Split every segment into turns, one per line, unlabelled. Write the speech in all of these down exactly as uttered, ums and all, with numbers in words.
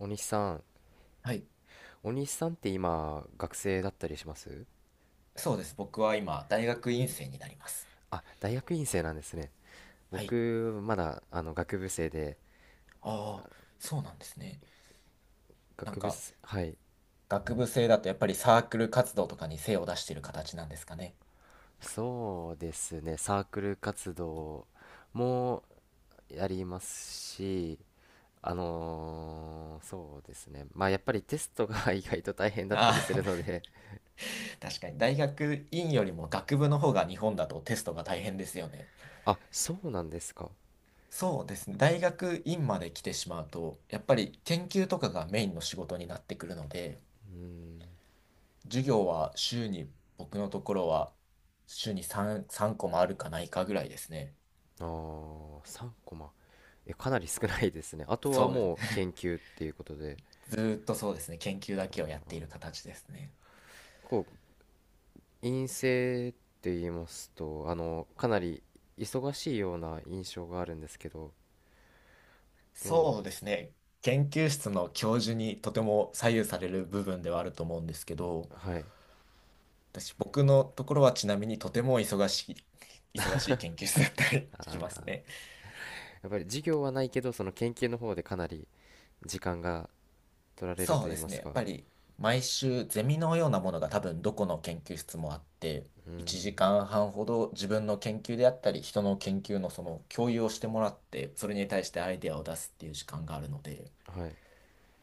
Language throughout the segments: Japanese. に西さん、
はい。
に西さんって今、学生だったりします？
そうです。僕は今、大学院生になります。
あ、大学院生なんですね。
はい。
僕、まだ、あの、学部生で、
ああ、そうなんですね。なん
学部
か、
す、はい。
学部生だとやっぱりサークル活動とかに精を出してる形なんですかね。
そうですね、サークル活動もやりますし、あのーそうですね。まあ、やっぱりテストが 意外と大変だっ
あ
たりす
あ、
るので、
確かに。大学院よりも学部の方が日本だとテストが大変ですよね。
あ、そうなんですか。
そうですね。大学院まで来てしまうと、やっぱり研究とかがメインの仕事になってくるので、
うん、
授業は週に、僕のところは週に3、3個もあるかないかぐらいですね。
あー、さんコマ。え、かなり少ないですね。あとは
そうで
もう
す。
研究っていうことで、
ずーっとそうですね、研究だけをやっている形ですね。
陰性って言いますと、あの、かなり忙しいような印象があるんですけど、どう
そう
で
で
す
す
か？
ね、研究室の教授にとても左右される部分ではあると思うんですけど、
はい。
私、僕のところはちなみにとても忙しい、忙しい研究室だったりします
ああ、
ね。
やっぱり授業はないけど、その研究の方でかなり時間が取られる
そ
と
う
言
で
いま
すね、
す
やっ
か。
ぱり毎週ゼミのようなものが多分どこの研究室もあって、
う
1
ん。
時間半ほど自分の研究であったり、人の研究のその共有をしてもらって、それに対してアイデアを出すっていう時間があるので、
はい。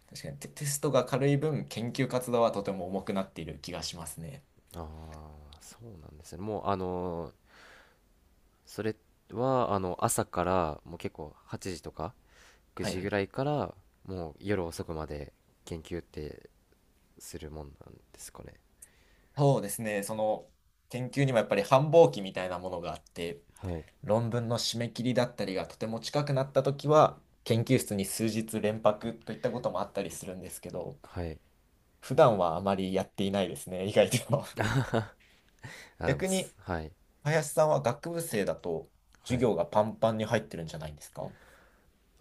確かにテ、テストが軽い分、研究活動はとても重くなっている気がしますね。
ああ、そうなんですね。もう、あのそれは、あの、朝から、もう結構はちじとか9
はい
時
は
ぐ
い。
らいから、もう夜遅くまで研究ってするもんなんですかね。
そうですね、その研究にもやっぱり繁忙期みたいなものがあって、
はい。
論文の締め切りだったりがとても近くなったときは、研究室に数日連泊といったこともあったりするんですけど、
はい。
普段はあまりやっていないですね、意外と。
あ、でも
逆に、
す、はい。
林さんは学部生だと
は
授
い。
業がパンパンに入ってるんじゃないんですか？は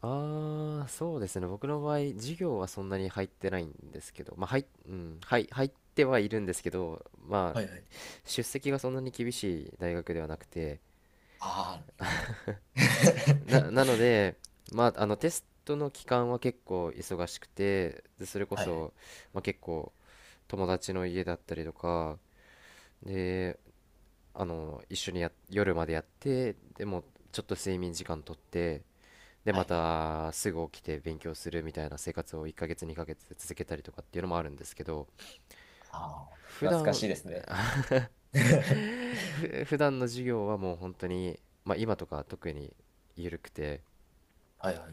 ああ、そうですね。僕の場合、授業はそんなに入ってないんですけど、まあ、はい、うん、はい、入ってはいるんですけど、ま
い
あ、
はい。
出席がそんなに厳しい大学ではなくて、
ああー。
な、なので、まあ、あの、テストの期間は結構忙しくて、でそれこ
はいはい。
そ、まあ、結構、友達の家だったりとか、で、あの、一緒にや、夜までやって、でも、ちょっと睡眠時間とって、で
は
ま
いはい。
たすぐ起きて勉強するみたいな生活をいっかげつにかげつ続けたりとかっていうのもあるんですけど、
ああ、
普
懐か
段、
しいですね。
ふ普段の授業はもう本当に、まあ、今とか特に緩くて、
はいはい。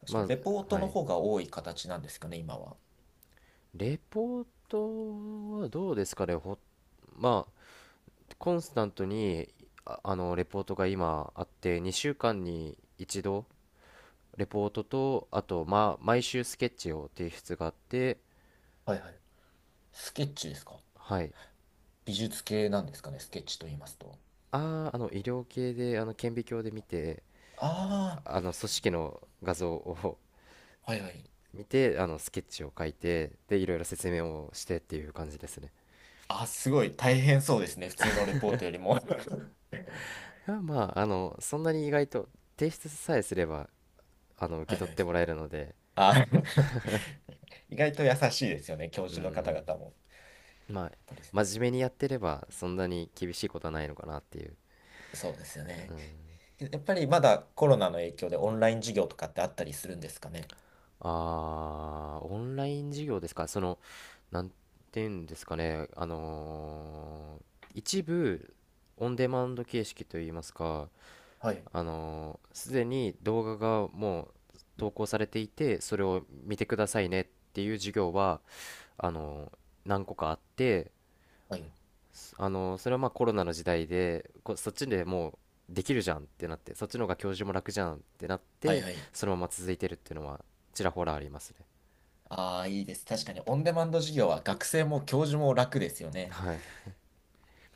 確か
ま
に、レポー
あ、
ト
は
の
い、
方が多い形なんですかね、今は。
レポートはどうですかね、ほ、まあ、コンスタントに、あ、あのレポートが今あって、にしゅうかんに一度レポートと、あと、まあ、毎週スケッチを提出があって、
はいはい。スケッチですか？
はい。
美術系なんですかね、スケッチと言いますと。
ああ、あの医療系であの顕微鏡で見て
あ
あの組織の画像を
あ、はいはい。
見てあのスケッチを書いて、でいろいろ説明をしてっていう感じですね。
あ、すごい大変そうですね。普通のレポートよりも。
あ、まああのそんなに意外と提出さえすればあの受
は
け
いは
取っ
い。
てもらえるので。
あー。 意外と優しいですよね、教
う
授の方
ん。
々も。
まあ、
やっぱり。
真面目にやってればそんなに厳しいことはないのかなっていう。
そうですよね。やっぱりまだコロナの影響でオンライン授業とかってあったりするんですかね。
あー、オンライン授業ですか。その、なんていうんですかね、あのー一部オンデマンド形式といいますか、
はい。
あのーすでに動画がもう投稿されていて、それを見てくださいねっていう授業は、あのー何個かあって、
はい。
あのーそれはまあコロナの時代でこそっちでもうできるじゃんってなって、そっちの方が教授も楽じゃんってなっ
はい
て
はい。
そのまま続いてるっていうのはちらほらありますね。
ああ、いいです。確かに、オンデマンド授業は学生も教授も楽ですよね。
はい、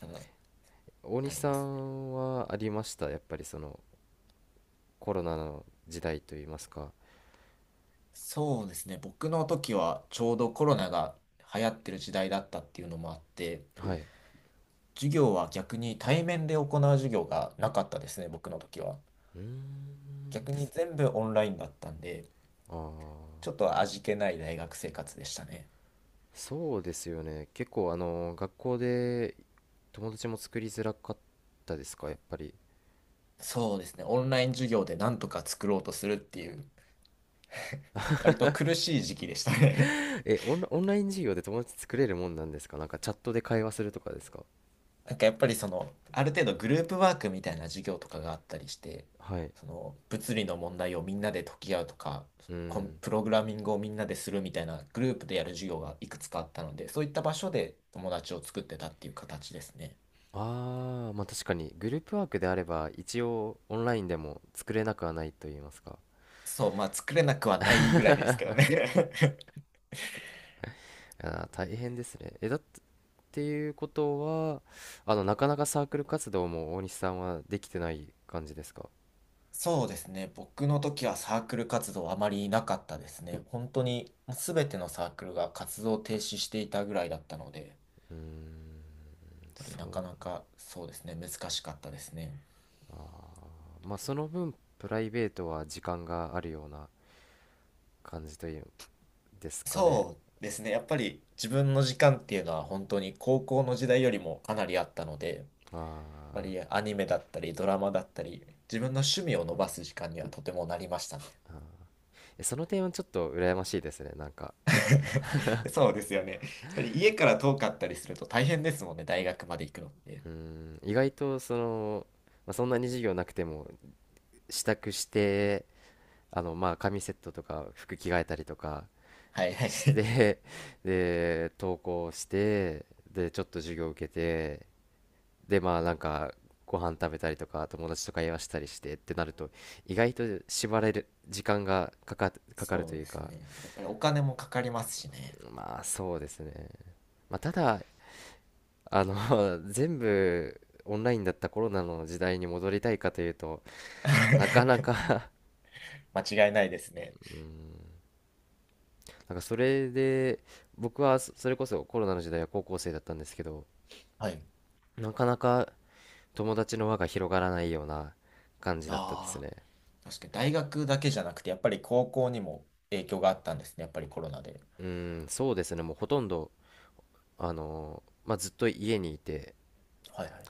多分、わ
大
か
西
り
さ
ますね。
んはありました？やっぱりそのコロナの時代といいますか。
そうですね。僕の時はちょうどコロナが流行ってる時代だったっていうのもあって、
はい。
授業は逆に対面で行う授業がなかったですね、僕の時は。
うーん。
逆に全部オンラインだったんで、
あ
ちょっ
あ、
と味気ない大学生活でしたね。
そうですよね。結構あの学校で友達も作りづらかったですか、やっぱり。
そうですね。オンライン授業でなんとか作ろうとするっていう、割と苦しい時期でしたね。
え、オンラ、オンライン授業で友達作れるもんなんですか？なんかチャットで会話するとかですか？
なんかやっぱりその、ある程度グループワークみたいな授業とかがあったりして、
はい。
その物理の問題をみんなで解き合うとか、
う
コン
ん。
プログラミングをみんなでするみたいなグループでやる授業がいくつかあったので、そういった場所で友達を作ってたっていう形ですね。
ああ、まあ確かにグループワークであれば一応オンラインでも作れなくはないと言いますか。
そう、まあ作れなくはないぐらいですけどね。
あー、大変ですね。え、だっっていうことは、あの、なかなかサークル活動も大西さんはできてない感じですか？
そうですね。僕の時はサークル活動あまりなかったですね。本当にもう全てのサークルが活動を停止していたぐらいだったので、やっ
うーん、
ぱり
そ
なかな
う。
かそうですね、難しかったですね。
まあその分、プライベートは時間があるような感じというんですかね。
そうですね。やっぱり自分の時間っていうのは本当に高校の時代よりもかなりあったので、やっ
ま
ぱ
あ。
り
ー
アニメだったりドラマだったり、自分の趣味を伸ばす時間にはとてもなりましたね。
えその点はちょっと羨ましいですね。なんか、
そうですよね。やっぱり家から遠かったりすると大変ですもんね、大学まで行くのって。
うーん、意外とその、まあ、そんなに授業なくても支度して、あの、まあ紙セットとか服着替えたりとか
はいはい。
して で、登校して、で、ちょっと授業受けて、でまあなんかご飯食べたりとか友達と会話したりしてってなると意外と縛られる時間がかか、かかると
そう
い
で
う
す
か。
ね。やっぱりお金もかかりますしね。
まあそうですね、まあ、ただあの 全部オンラインだったコロナの時代に戻りたいかというとなかな か。
間違いないですね。
なんか
確
そ
か
れで、僕はそそれこそコロナの時代は高校生だったんですけど、
に。はい。
なかなか友達の輪が広がらないような感じだったです
ああ。
ね。
確かに大学だけじゃなくて、やっぱり高校にも影響があったんですね、やっぱりコロナで。
うん、そうですね、もうほとんど、あのまあ、ずっと家にいて、
はいはい。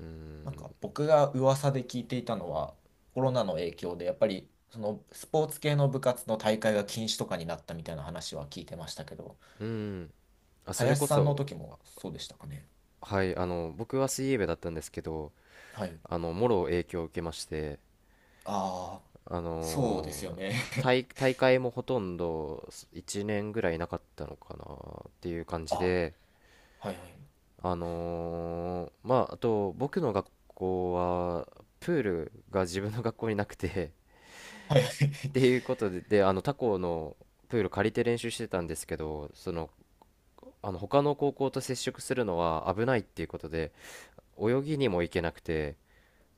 うーん。
なんか僕が噂で聞いていたのは、コロナの影響で、やっぱりそのスポーツ系の部活の大会が禁止とかになったみたいな話は聞いてましたけど、
うーん、あ、それ
林
こ
さんの
そ、
時もそうでしたかね。
はい、あの、僕は水泳部だったんですけど、
はい。
あの、もろ影響を受けまして、
ああ、
あ
そうですよ
の
ね。
大、大会もほとんどいちねんぐらいなかったのかなっていう感 じ
あ、
で、
はいはい。
あのまあ、あと、僕の学校は、プールが自分の学校になくて
はいはい。
って いうことで、で、あの、他校のプール借りて練習してたんですけど、その、あの他の高校と接触するのは危ないっていうことで泳ぎにも行けなくて、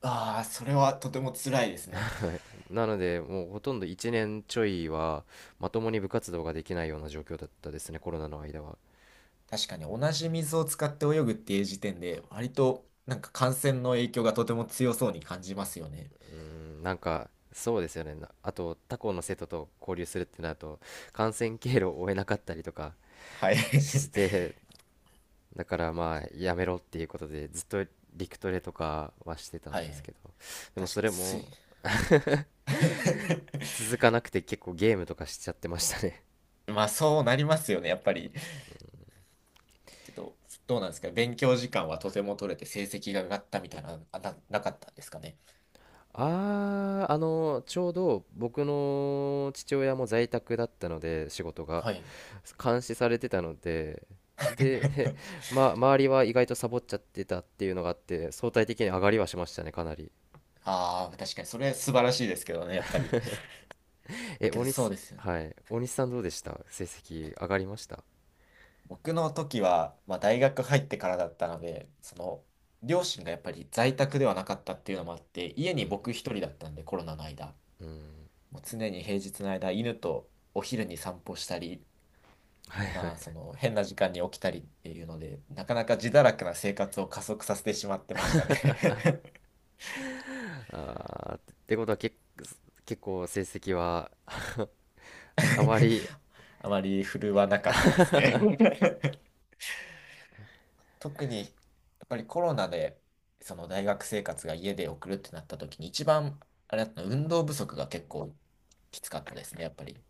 ああ、それはとても辛いです ね。
はい。なのでもうほとんどいちねんちょいはまともに部活動ができないような状況だったですね、コロナの間は。
確かに同じ水を使って泳ぐっていう時点で、割となんか感染の影響がとても強そうに感じますよね。
うん、なんかそうですよね。なあと他校の生徒と交流するってなると感染経路を追えなかったりとか
はい。
し て、だからまあやめろっていうことでずっと陸トレとかはしてたん
は
ですけ
い。
ど、でも
確
そ
かに
れ
水。
も 続かなくて結構ゲームとかしちゃってましたね。
まあそうなりますよね、やっぱり。けど、どうなんですか？勉強時間はとても取れて成績が上がったみたいな、あな、なかったんですかね。
ああ、あの、ちょうど僕の父親も在宅だったので、仕事が
はい。
監視されてたので、で、ま、周りは意外とサボっちゃってたっていうのがあって、相対的に上がりはしましたね、かなり。
ああ、確かにそれ素晴らしいですけどね、やっぱり。まあ
え、
け
大
どそう
西、
ですよね。
はい、大西さんどうでした？成績上がりました？
僕の時は、まあ、大学入ってからだったので、その、両親がやっぱり在宅ではなかったっていうのもあって、家
う
に
ん、
僕一人だったんで、コロナの間。
うん。
もう常に平日の間、犬とお昼に散歩したり、まあ、その、変な時間に起きたりっていうので、なかなか自堕落な生活を加速させてしまってましたね。
ああ、ってことはけ、結構成績は あまり
あまり振るわなかったですね。特にやっぱりコロナでその大学生活が家で送るってなった時に一番あれだったの運動不足が結構きつかったですね、やっぱり。